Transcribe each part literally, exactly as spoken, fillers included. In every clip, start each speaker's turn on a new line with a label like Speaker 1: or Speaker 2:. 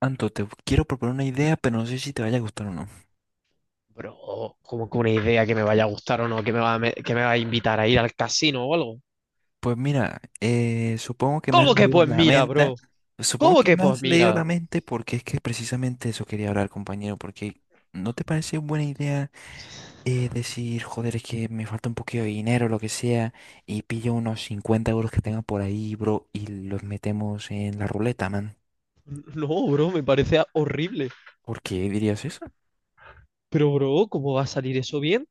Speaker 1: Anto, te quiero proponer una idea, pero no sé si te vaya a gustar o no.
Speaker 2: Bro, como que una idea que me vaya a gustar o no, que me va a, me- que me va a invitar a ir al casino o algo.
Speaker 1: Pues mira, eh, supongo que me has
Speaker 2: ¿Cómo que
Speaker 1: leído
Speaker 2: pues
Speaker 1: la
Speaker 2: mira,
Speaker 1: mente.
Speaker 2: bro?
Speaker 1: Supongo
Speaker 2: ¿Cómo
Speaker 1: que
Speaker 2: que
Speaker 1: me
Speaker 2: pues
Speaker 1: has leído la
Speaker 2: mira?
Speaker 1: mente porque es que precisamente eso quería hablar, compañero, porque ¿no te parece buena idea eh, decir, joder, es que me falta un poquito de dinero, lo que sea, y pillo unos cincuenta euros que tenga por ahí, bro, y los metemos en la ruleta, man?
Speaker 2: No, bro, me parece horrible.
Speaker 1: ¿Por qué dirías eso?
Speaker 2: Pero, bro, ¿cómo va a salir eso bien?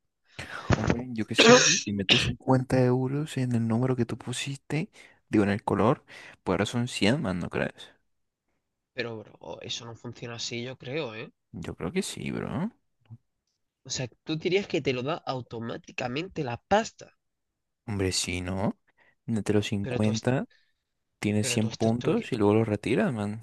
Speaker 1: Hombre, yo qué sé, bro, si metes cincuenta euros en el número que tú pusiste, digo, en el color, pues ahora son cien más, ¿no crees?
Speaker 2: Pero, bro, eso no funciona así, yo creo, ¿eh?
Speaker 1: Yo creo que sí, bro.
Speaker 2: O sea, tú dirías que te lo da automáticamente la pasta,
Speaker 1: Hombre, sí, ¿no? Mete los
Speaker 2: pero tú, es-
Speaker 1: cincuenta, tienes
Speaker 2: pero
Speaker 1: cien
Speaker 2: tú estás tuque-
Speaker 1: puntos y luego los retiras, man.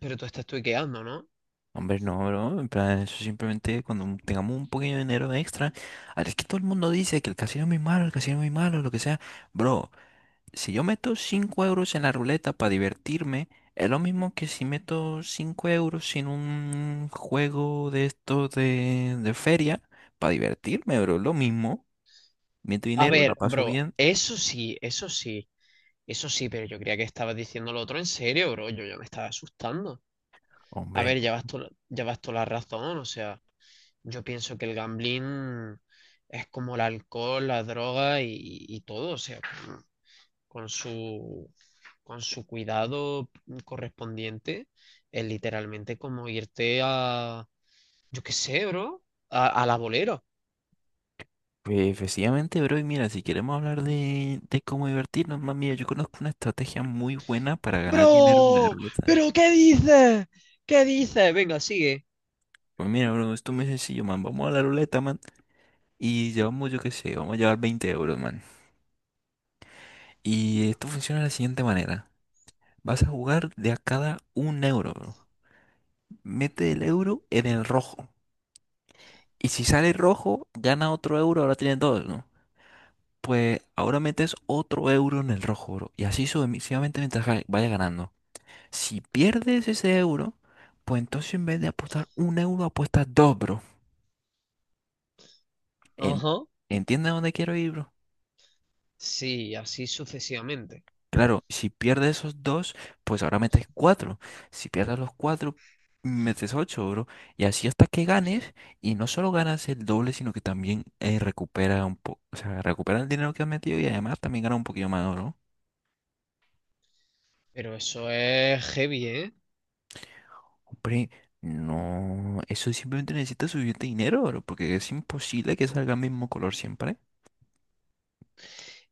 Speaker 2: pero tú estás tuiqueando, ¿no?
Speaker 1: Hombre, no, bro. En plan, eso simplemente cuando tengamos un pequeño dinero extra. Ah, es que todo el mundo dice que el casino es muy malo, el casino es muy malo, lo que sea. Bro, si yo meto cinco euros en la ruleta para divertirme, es lo mismo que si meto cinco euros en un juego de estos de, de feria para divertirme, bro. Lo mismo. Meto
Speaker 2: A
Speaker 1: dinero, la
Speaker 2: ver,
Speaker 1: paso
Speaker 2: bro,
Speaker 1: bien.
Speaker 2: eso sí, eso sí, eso sí, pero yo creía que estabas diciendo lo otro en serio, bro. Yo ya me estaba asustando. A
Speaker 1: Hombre,
Speaker 2: ver, llevas to- llevas toda la razón, o sea, yo pienso que el gambling es como el alcohol, la droga y, y todo, o sea, con, con su, con su cuidado correspondiente, es literalmente como irte a, yo qué sé, bro, a, a la bolera.
Speaker 1: pues efectivamente, bro. Y mira, si queremos hablar de, de cómo divertirnos, más mía, yo conozco una estrategia muy buena para ganar dinero en la
Speaker 2: Bro,
Speaker 1: ruleta.
Speaker 2: pero ¿qué dices? ¿Qué dices? Venga, sigue.
Speaker 1: Pues mira, bro, esto es muy sencillo, man. Vamos a la ruleta, man. Y llevamos, yo qué sé, vamos a llevar veinte euros, man. Y esto funciona de la siguiente manera. Vas a jugar de a cada un euro, bro. Mete el euro en el rojo. Y si sale rojo, gana otro euro, ahora tienes dos, ¿no? Pues ahora metes otro euro en el rojo, bro. Y así sucesivamente mientras ga- vaya ganando. Si pierdes ese euro, pues entonces en vez de apostar un euro, apuestas dos, bro. En-
Speaker 2: Ajá.
Speaker 1: ¿Entiendes a dónde quiero ir, bro?
Speaker 2: Sí, así sucesivamente.
Speaker 1: Claro, si pierdes esos dos, pues ahora metes cuatro. Si pierdes los cuatro, metes ocho, bro. Y así hasta que ganes, y no solo ganas el doble, sino que también eh, recupera un poco, o sea, recupera el dinero que has metido y además también gana un poquillo más, bro.
Speaker 2: Pero eso es heavy, ¿eh?
Speaker 1: Hombre, no, eso simplemente necesita suficiente dinero, bro, porque es imposible que salga el mismo color siempre.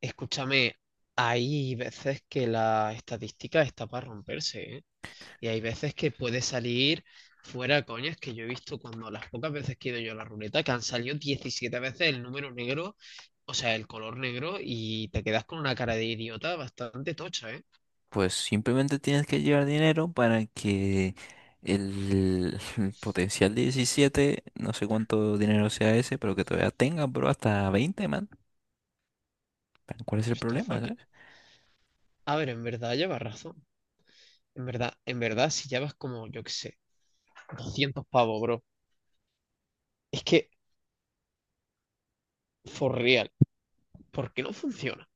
Speaker 2: Escúchame, hay veces que la estadística está para romperse, ¿eh? Y hay veces que puede salir fuera, coñas, que yo he visto cuando las pocas veces que he ido yo a la ruleta, que han salido diecisiete veces el número negro, o sea, el color negro, y te quedas con una cara de idiota bastante tocha, ¿eh?
Speaker 1: Pues simplemente tienes que llevar dinero para que el, potencial diecisiete, no sé cuánto dinero sea ese, pero que todavía tengan, bro, hasta veinte, man. ¿Cuál es
Speaker 2: Pero
Speaker 1: el
Speaker 2: está
Speaker 1: problema,
Speaker 2: fucking...
Speaker 1: sabes?
Speaker 2: A ver, en verdad lleva razón. En verdad, en verdad, si llevas como, yo qué sé, doscientos pavos, bro. Es que, for real, ¿por qué no funciona?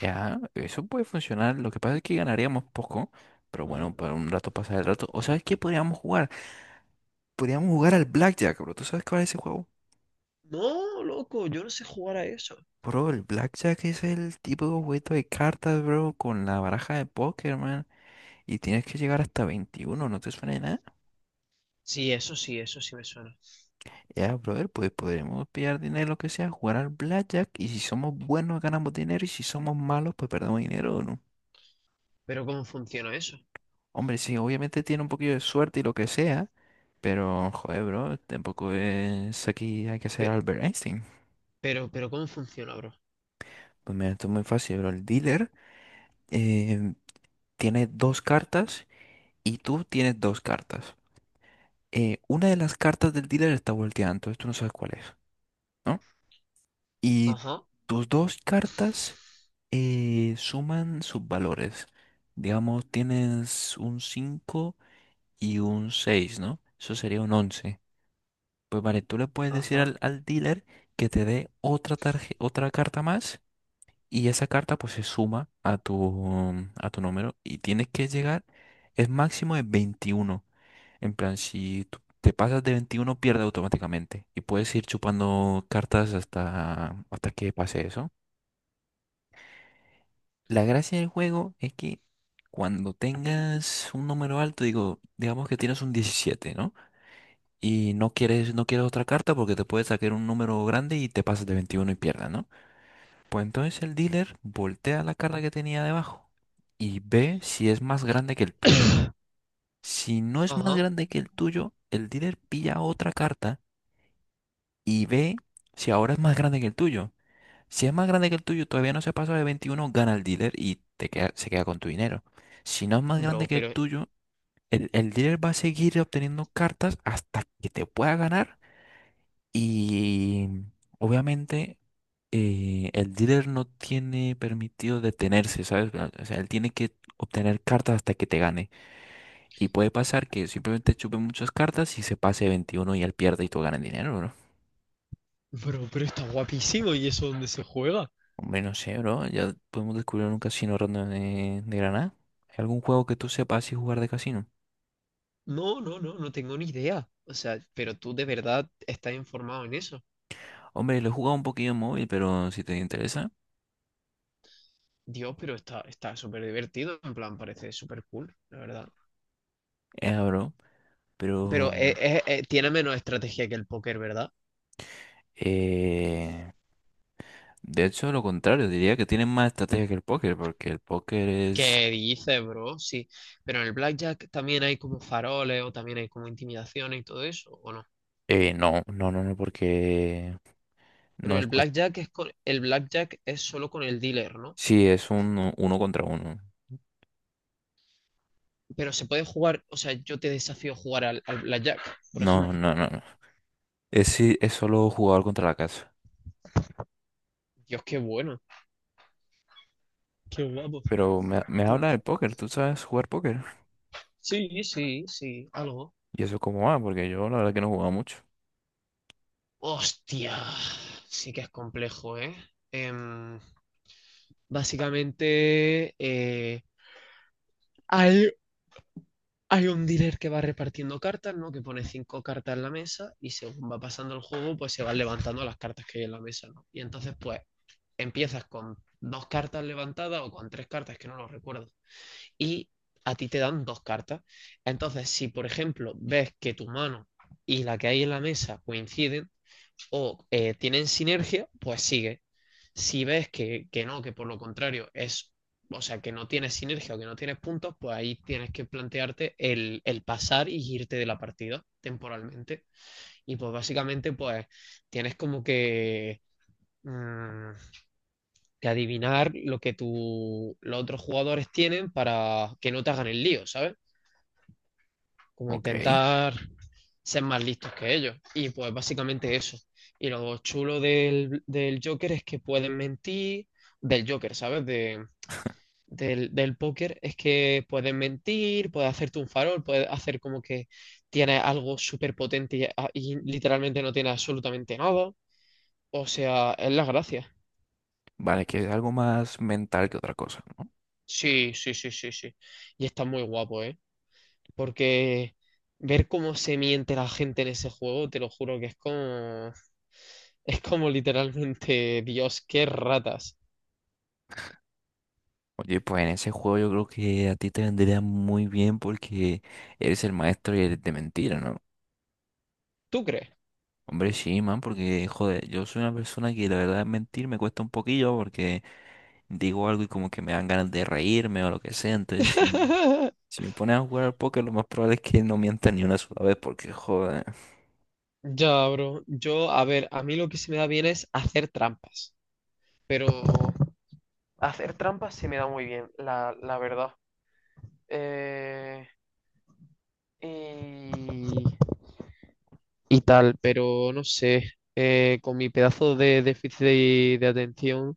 Speaker 1: Ya, eso puede funcionar. Lo que pasa es que ganaríamos poco, pero bueno, para un rato pasar el rato. ¿O sabes qué podríamos jugar? Podríamos jugar al Blackjack, bro. ¿Tú sabes cuál es ese juego?
Speaker 2: No, loco, yo no sé jugar a eso.
Speaker 1: Bro, el Blackjack es el tipo de juego de cartas, bro, con la baraja de póker, man. Y tienes que llegar hasta veintiuno, ¿no te suena de nada?
Speaker 2: Sí, eso sí, eso sí me suena.
Speaker 1: Ya, brother, pues podremos pillar dinero, lo que sea, jugar al blackjack y si somos buenos ganamos dinero y si somos malos pues perdemos dinero, ¿o ¿no?
Speaker 2: Pero ¿cómo funciona eso?
Speaker 1: Hombre, sí, obviamente tiene un poquillo de suerte y lo que sea, pero joder, bro, tampoco es, aquí hay que ser
Speaker 2: Pero,
Speaker 1: Albert Einstein.
Speaker 2: pero, pero ¿cómo funciona, bro?
Speaker 1: Pues mira, esto es muy fácil, bro. El dealer eh, tiene dos cartas y tú tienes dos cartas. Eh, una de las cartas del dealer está volteada, entonces tú no sabes cuál es, ¿no? Y
Speaker 2: Ajá,
Speaker 1: tus dos cartas eh, suman sus valores. Digamos, tienes un cinco y un seis, ¿no? Eso sería un once. Pues vale, tú le puedes decir
Speaker 2: ajá,
Speaker 1: al, al, dealer que te dé otra tarje- otra carta más y esa carta pues se suma a tu, a tu número y tienes que llegar, es máximo de veintiuno. En plan, si tú te pasas de veintiuno pierde automáticamente y puedes ir chupando cartas hasta, hasta que pase eso. La gracia del juego es que cuando tengas un número alto, digo, digamos que tienes un diecisiete, ¿no? Y no quieres, no quieres otra carta porque te puede sacar un número grande y te pasas de veintiuno y pierdas, ¿no? Pues entonces el dealer voltea la carta que tenía debajo y ve si es más grande que el tuyo. Si no es más
Speaker 2: ajá.
Speaker 1: grande que el tuyo, el dealer pilla otra carta y ve si ahora es más grande que el tuyo. Si es más grande que el tuyo, todavía no se pasa de veintiuno, gana el dealer y te queda, se queda con tu dinero. Si no es más grande
Speaker 2: Bro,
Speaker 1: que el
Speaker 2: pero,
Speaker 1: tuyo, el, el dealer va a seguir obteniendo cartas hasta que te pueda ganar. Y obviamente eh, el dealer no tiene permitido detenerse, ¿sabes? O sea, él tiene que obtener cartas hasta que te gane. Y puede pasar que simplemente chupe muchas cartas y se pase de veintiuno y él pierde y tú ganas dinero, ¿no?
Speaker 2: bro, pero está guapísimo y eso dónde se juega.
Speaker 1: Hombre, no sé, bro. Ya podemos descubrir un casino random de, de Granada. ¿Hay algún juego que tú sepas y jugar de casino?
Speaker 2: No, no, no, no tengo ni idea. O sea, pero tú de verdad estás informado en eso.
Speaker 1: Hombre, lo he jugado un poquillo en móvil, pero si te interesa,
Speaker 2: Dios, pero está, está súper divertido, en plan, parece súper cool, la verdad.
Speaker 1: es bro. Pero,
Speaker 2: Pero es- es- es- tiene menos estrategia que el póker, ¿verdad?
Speaker 1: eh, de hecho, lo contrario, diría que tienen más estrategia que el póker, porque el póker es...
Speaker 2: Que dice, bro, sí. Pero en el blackjack también hay como faroles o también hay como intimidaciones y todo eso, ¿o no?
Speaker 1: Eh, no, no, no, no, porque
Speaker 2: Pero
Speaker 1: no
Speaker 2: el
Speaker 1: es cuestión...
Speaker 2: blackjack es con, el blackjack es solo con el dealer, ¿no?
Speaker 1: Sí, es un uno contra uno.
Speaker 2: Pero se puede jugar, o sea, yo te desafío a jugar al, al blackjack, por
Speaker 1: No,
Speaker 2: ejemplo.
Speaker 1: no, no, no. Es, sí, es solo jugador contra la casa.
Speaker 2: Dios, qué bueno. Qué guapo.
Speaker 1: Pero me, me
Speaker 2: Pu-
Speaker 1: habla del póker, ¿tú sabes jugar póker?
Speaker 2: Sí, sí, sí, algo.
Speaker 1: ¿Y eso cómo va? Porque yo la verdad que no jugaba mucho.
Speaker 2: Hostia, sí que es complejo, ¿eh? Em, básicamente, eh, Hay un dealer que va repartiendo cartas, ¿no? Que pone cinco cartas en la mesa y según va pasando el juego, pues se van levantando las cartas que hay en la mesa, ¿no? Y entonces, pues, empiezas con dos cartas levantadas o con tres cartas, que no lo recuerdo. Y a ti te dan dos cartas. Entonces, si por ejemplo ves que tu mano y la que hay en la mesa coinciden, o eh, tienen sinergia, pues sigue. Si ves que, que no, que por lo contrario es, o sea, que no tienes sinergia o que no tienes puntos, pues ahí tienes que plantearte el, el pasar y irte de la partida temporalmente. Y pues básicamente, pues tienes como que, mm, que adivinar lo que tu, los otros jugadores tienen para que no te hagan el lío, ¿sabes? Como
Speaker 1: Ok.
Speaker 2: intentar ser más listos que ellos. Y pues básicamente eso. Y lo chulo del, del Joker es que pueden mentir, del Joker, ¿sabes? De, del, del póker es que pueden mentir, puedes hacerte un farol, puedes hacer como que tienes algo súper potente y, ah, y literalmente no tienes absolutamente nada. O sea, es la gracia.
Speaker 1: Vale, que es algo más mental que otra cosa, ¿no?
Speaker 2: Sí, sí, sí, sí, sí. Y está muy guapo, ¿eh? Porque ver cómo se miente la gente en ese juego, te lo juro que es como... Es como literalmente, Dios, qué ratas.
Speaker 1: Oye, pues en ese juego yo creo que a ti te vendría muy bien porque eres el maestro y eres de mentira, ¿no?
Speaker 2: ¿Tú crees?
Speaker 1: Hombre, sí, man, porque, joder, yo soy una persona que la verdad mentir me cuesta un poquillo porque digo algo y como que me dan ganas de reírme o lo que sea. Entonces, si, si me pones a jugar al póker, lo más probable es que no mienta ni una sola vez porque, joder.
Speaker 2: Ya, bro. Yo, a ver, a mí lo que se me da bien es hacer trampas. Pero hacer trampas se me da muy bien, la, la verdad. Eh, y... y tal, pero no sé. eh, con mi pedazo de déficit de, de atención,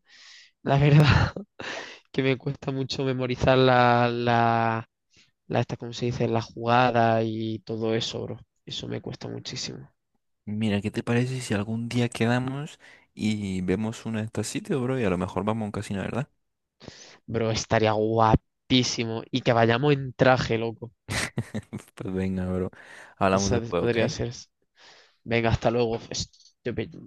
Speaker 2: la verdad que me cuesta mucho memorizar la, la, la, esta, ¿cómo se dice? La jugada y todo eso, bro. Eso me cuesta muchísimo.
Speaker 1: Mira, ¿qué te parece si algún día quedamos y vemos uno de estos sitios, bro? Y a lo mejor vamos a un casino, ¿verdad?
Speaker 2: Bro, estaría guapísimo. Y que vayamos en traje, loco.
Speaker 1: Pues venga, bro.
Speaker 2: O
Speaker 1: Hablamos
Speaker 2: sea,
Speaker 1: después, ¿ok?
Speaker 2: podría ser. Venga, hasta luego. Estúpido.